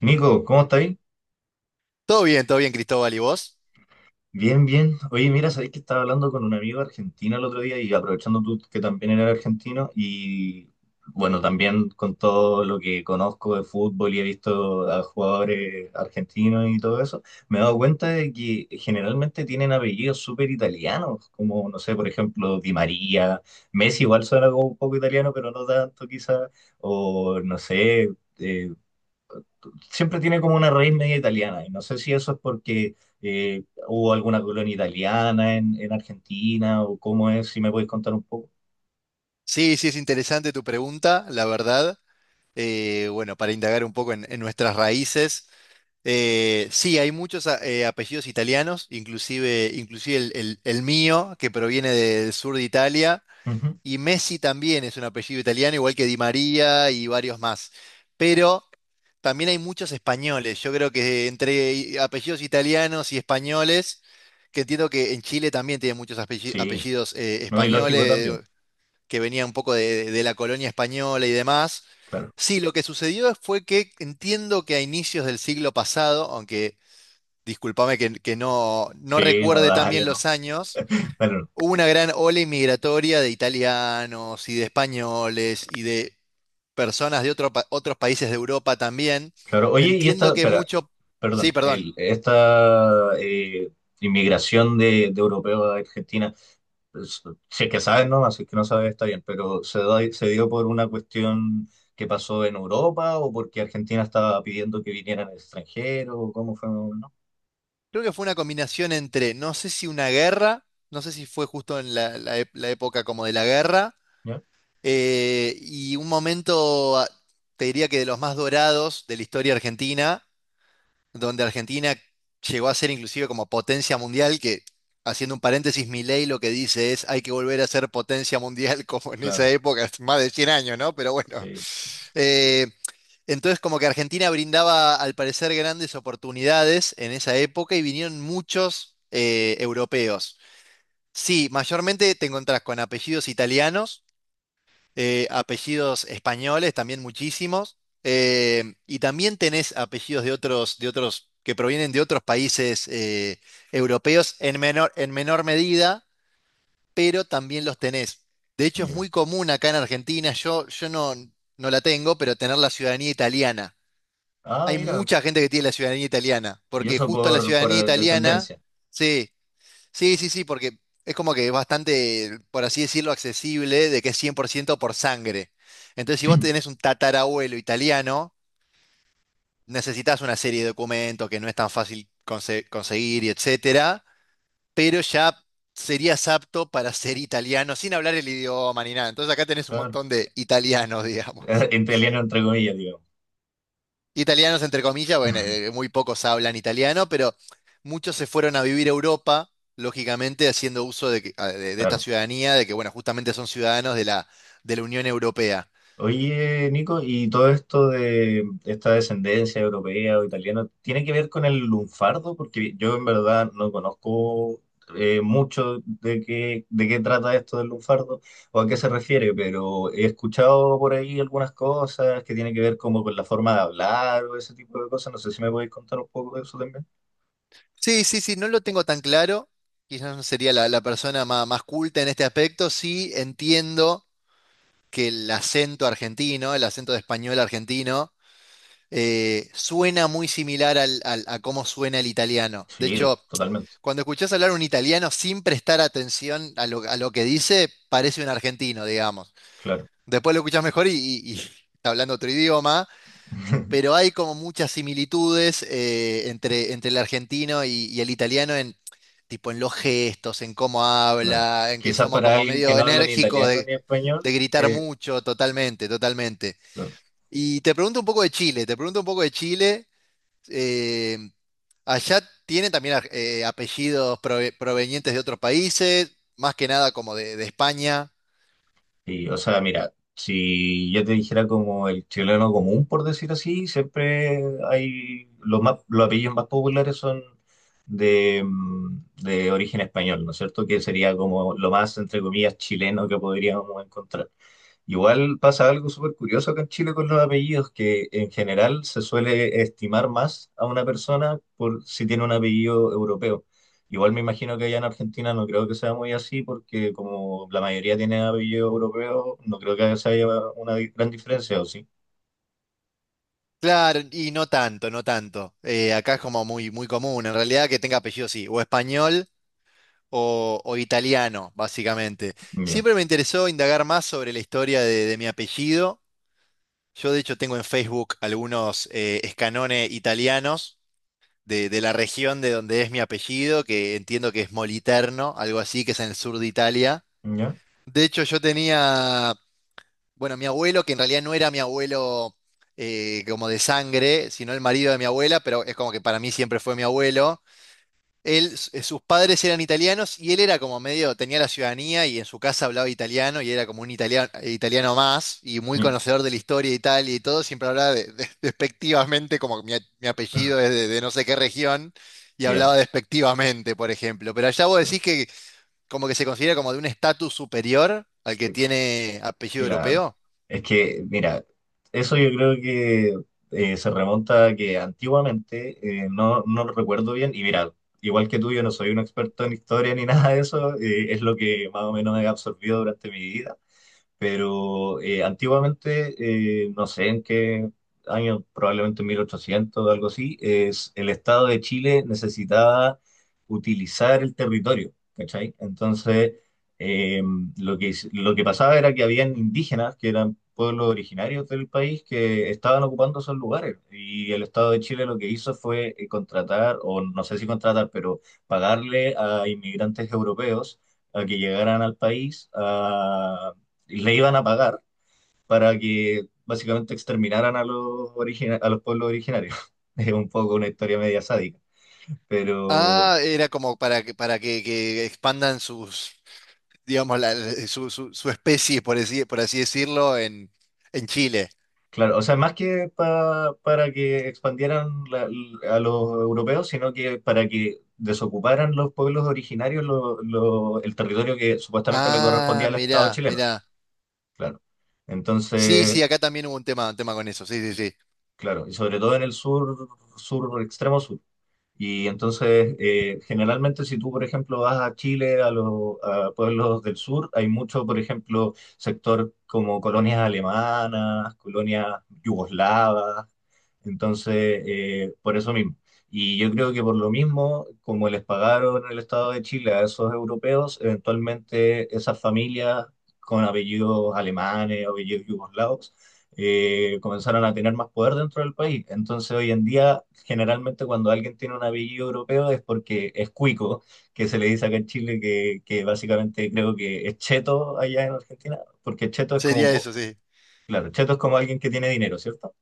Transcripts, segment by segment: Nico, ¿cómo estáis? Todo bien, Cristóbal, ¿y vos? Bien, bien. Oye, mira, sabéis que estaba hablando con un amigo argentino el otro día y aprovechando tú que también eres argentino y bueno, también con todo lo que conozco de fútbol y he visto a jugadores argentinos y todo eso, me he dado cuenta de que generalmente tienen apellidos súper italianos, como, no sé, por ejemplo, Di María, Messi igual suena como un poco italiano, pero no tanto quizás, o no sé. eh, Siempre tiene como una raíz media italiana, y no sé si eso es porque hubo alguna colonia italiana en Argentina o cómo es, si me podéis contar un poco. Sí, sí, es interesante tu pregunta, la verdad. Bueno, para indagar un poco en nuestras raíces. Sí, hay muchos apellidos italianos, inclusive el mío, que proviene del sur de Italia, Ujú. y Messi también es un apellido italiano, igual que Di María y varios más. Pero también hay muchos españoles. Yo creo que entre apellidos italianos y españoles, que entiendo que en Chile también tienen muchos Sí, apellidos no, y lógico también, españoles, que venía un poco de la colonia española y demás. claro. Sí, lo que sucedió fue que entiendo que a inicios del siglo pasado, aunque discúlpame que no Sí, no, recuerde tan dale, bien no. los años, Bueno, no. hubo una gran ola inmigratoria de italianos y de españoles y de personas de otros países de Europa también. Claro. Oye, y Entiendo esta, que espera, mucho, sí, perdón, perdón, esta inmigración de europeos a Argentina, pues, si es que sabes no así que no sabes está bien, pero ¿ se dio por una cuestión que pasó en Europa o porque Argentina estaba pidiendo que vinieran extranjeros o cómo fue? ¿No? creo que fue una combinación entre, no sé si una guerra, no sé si fue justo en la época como de la guerra. ¿Ya? Y un momento, te diría que de los más dorados de la historia argentina, donde Argentina llegó a ser inclusive como potencia mundial, que, haciendo un paréntesis, Milei lo que dice es hay que volver a ser potencia mundial como en esa Claro, época, es más de 100 años, ¿no? Pero bueno. sí. Eh, entonces como que Argentina brindaba al parecer grandes oportunidades en esa época y vinieron muchos europeos. Sí, mayormente te encontrás con apellidos italianos, apellidos españoles, también muchísimos, y también tenés apellidos de otros, que provienen de otros países europeos en menor medida, pero también los tenés. De hecho, es Ya. muy común acá en Argentina, yo no la tengo, pero tener la ciudadanía italiana. Ah, Hay mira, mucha gente que tiene la ciudadanía italiana, y porque eso justo la ciudadanía por italiana, descendencia, sí. Sí, sí, sí, porque es como que es bastante, por así decirlo, accesible, de que es 100% por ciento por sangre. Entonces, si vos tenés un tatarabuelo italiano, necesitas una serie de documentos que no es tan fácil conseguir y etcétera, pero ya serías apto para ser italiano sin hablar el idioma ni nada. Entonces, acá tenés un claro. montón de italianos, digamos. Entre italiano entre comillas, digo. Italianos, entre comillas, bueno, muy pocos hablan italiano, pero muchos se fueron a vivir a Europa, lógicamente haciendo uso de esta Claro. ciudadanía, de que, bueno, justamente son ciudadanos de la Unión Europea. Oye, Nico, ¿y todo esto de esta descendencia europea o italiana tiene que ver con el lunfardo? Porque yo en verdad no conozco mucho de qué trata esto del lunfardo o a qué se refiere, pero he escuchado por ahí algunas cosas que tienen que ver como con la forma de hablar o ese tipo de cosas. No sé si me podéis contar un poco de eso también. Sí, sí, sí, no lo tengo tan claro. Quizás no sería la persona más culta en este aspecto. Sí, entiendo que el acento argentino, el acento de español argentino, suena muy similar a cómo suena el italiano. De Sí, hecho, totalmente, cuando escuchás hablar un italiano sin prestar atención a lo que dice, parece un argentino, digamos. claro. Después lo escuchás mejor y está hablando otro idioma, pero hay como muchas similitudes entre el argentino y el italiano en, tipo, en los gestos, en cómo Claro. habla, en que Quizás somos para como alguien que medio no habla ni enérgicos italiano de, ni de español, gritar mucho, totalmente, totalmente. claro. Y te pregunto un poco de Chile, te pregunto un poco de Chile. eh, Allá tiene también apellidos provenientes de otros países, más que nada como de España. Sí, o sea, mira, si yo te dijera como el chileno común, por decir así, siempre hay los más, los apellidos más populares son de, mm, de origen español, ¿no es cierto? Que sería como lo más, entre comillas, chileno que podríamos encontrar. Igual pasa algo súper curioso acá en Chile con los apellidos, que en general se suele estimar más a una persona por si tiene un apellido europeo. Igual me imagino que allá en Argentina no creo que sea muy así, porque como la mayoría tiene apellido europeo, no creo que haya una gran diferencia, ¿o sí? Claro, y no tanto, no tanto. Acá es como muy, muy común, en realidad, que tenga apellido sí, o español o italiano, básicamente. Ya, Siempre me interesó indagar más sobre la historia de mi apellido. Yo, de hecho, tengo en Facebook algunos escanones italianos de la región de donde es mi apellido, que entiendo que es Moliterno, algo así, que es en el sur de Italia. ya, De hecho, yo tenía, bueno, mi abuelo, que en realidad no era mi abuelo como de sangre, sino el marido de mi abuela, pero es como que para mí siempre fue mi abuelo. Él, sus padres eran italianos y él era como medio, tenía la ciudadanía y en su casa hablaba italiano y era como un italiano, italiano más y muy ya, conocedor de la historia de Italia y todo, siempre hablaba despectivamente, como mi apellido es de no sé qué región, y ya. hablaba despectivamente, por ejemplo. Pero allá vos decís como que se considera como de un estatus superior al que Es que- tiene apellido Claro. europeo. Es que, mira, eso yo creo que se remonta a que antiguamente, no, no lo recuerdo bien, y mira, igual que tú, yo no soy un experto en historia ni nada de eso, es lo que más o menos he absorbido durante mi vida. Pero antiguamente, no sé en qué año, probablemente 1800 o algo así, es, el Estado de Chile necesitaba utilizar el territorio, ¿cachai? Entonces, eh, lo que pasaba era que habían indígenas, que eran pueblos originarios del país, que estaban ocupando esos lugares. Y el Estado de Chile lo que hizo fue contratar, o no sé si contratar, pero pagarle a inmigrantes europeos a que llegaran al país a y le iban a pagar para que básicamente exterminaran a a los pueblos originarios. Es un poco una historia media sádica, pero Ah, era como para que expandan sus, digamos, su especie, por así decirlo, en Chile. claro, o sea, más que para que expandieran a los europeos, sino que para que desocuparan los pueblos originarios el territorio que supuestamente le Ah, correspondía al Estado mirá, chileno, mirá. claro. Sí, Entonces, sí, acá también hubo un tema con eso, sí, sí, sí. claro, y sobre todo en el sur, sur extremo sur. Y entonces, generalmente si tú, por ejemplo, vas a Chile, a los a pueblos del sur, hay mucho, por ejemplo, sector como colonias alemanas, colonias yugoslavas, entonces, por eso mismo. Y yo creo que por lo mismo, como les pagaron el Estado de Chile a esos europeos, eventualmente esas familias con apellidos alemanes, apellidos yugoslavos, comenzaron a tener más poder dentro del país. Entonces, hoy en día generalmente cuando alguien tiene un apellido europeo es porque es cuico, que se le dice acá en Chile que básicamente creo que es cheto allá en Argentina, porque cheto es como, Sería po- eso, sí. claro, cheto es como alguien que tiene dinero, ¿cierto?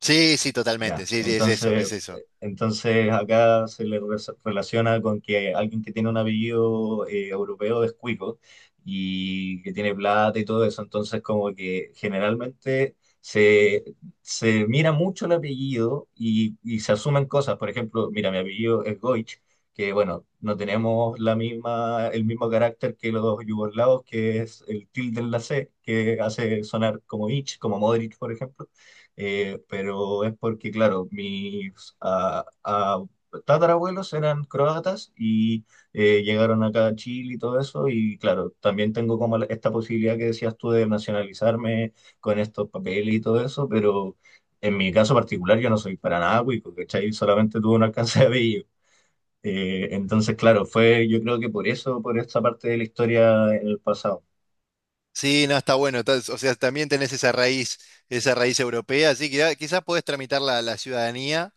Sí, sí, totalmente, Ya, sí, sí, es eso, entonces, es eso. entonces acá se relaciona con que alguien que tiene un apellido europeo es cuico y que tiene plata y todo eso, entonces como que generalmente se, se mira mucho el apellido y se asumen cosas, por ejemplo, mira, mi apellido es Goich, que bueno, no tenemos la misma, el mismo carácter que los yugoslavos, que es el tilde en la C, que hace sonar como Ich, como Modric, por ejemplo. Pero es porque, claro, mis tatarabuelos eran croatas y llegaron acá a Chile y todo eso, y claro, también tengo como esta posibilidad que decías tú de nacionalizarme con estos papeles y todo eso, pero en mi caso particular yo no soy para nada cuico, ¿cachai? Solamente tuve un alcance de apellido. Entonces, claro, fue yo creo que por eso, por esta parte de la historia en el pasado, Sí, no, está bueno, o sea, también tenés esa raíz europea, así que quizás podés tramitar la ciudadanía.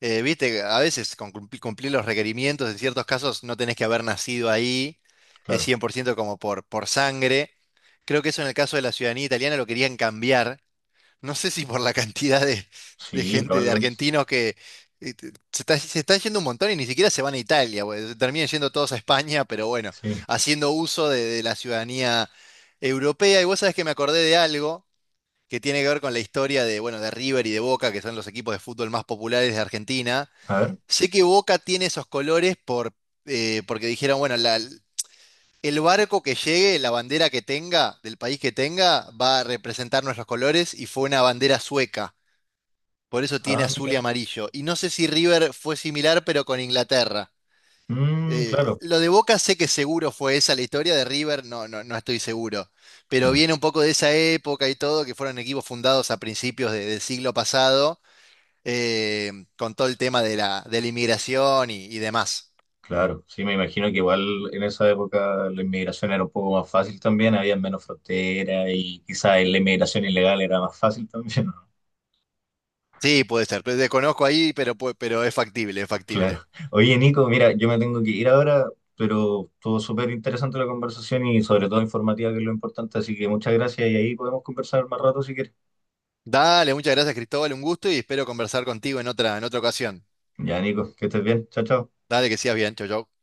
Viste, a veces con cumplir los requerimientos, en ciertos casos no tenés que haber nacido ahí, es claro. 100% como por sangre. Creo que eso en el caso de la ciudadanía italiana lo querían cambiar. No sé si por la cantidad de Sí, gente, de probablemente. argentinos que se está yendo un montón y ni siquiera se van a Italia, güey, se terminan yendo todos a España, pero bueno, Sí. haciendo uso de la ciudadanía europea. Y vos sabés que me acordé de algo que tiene que ver con la historia de, bueno, de River y de Boca, que son los equipos de fútbol más populares de Argentina. A ver. Sé que Boca tiene esos colores porque dijeron, bueno, el barco que llegue, la bandera que tenga, del país que tenga, va a representar nuestros colores y fue una bandera sueca. Por eso tiene Ah, azul y mira. amarillo. Y no sé si River fue similar, pero con Inglaterra. Mm, Eh, claro. lo de Boca sé que seguro fue esa la historia de River, no, no, no estoy seguro. Pero Ya, viene un poco de esa época y todo, que fueron equipos fundados a principios del siglo pasado, con todo el tema de la inmigración y demás. claro, sí, me imagino que igual en esa época la inmigración era un poco más fácil también, había menos fronteras y quizás la inmigración ilegal era más fácil también, ¿no? Sí, puede ser. Pues desconozco ahí, pero, pero es factible, es factible. Claro. Oye, Nico, mira, yo me tengo que ir ahora, pero estuvo súper interesante la conversación y sobre todo informativa, que es lo importante, así que muchas gracias y ahí podemos conversar más rato si quieres. Dale, muchas gracias, Cristóbal. Un gusto y espero conversar contigo en otra ocasión. Ya, Nico, que estés bien, chao, chao. Dale, que sigas bien. Chau, chau.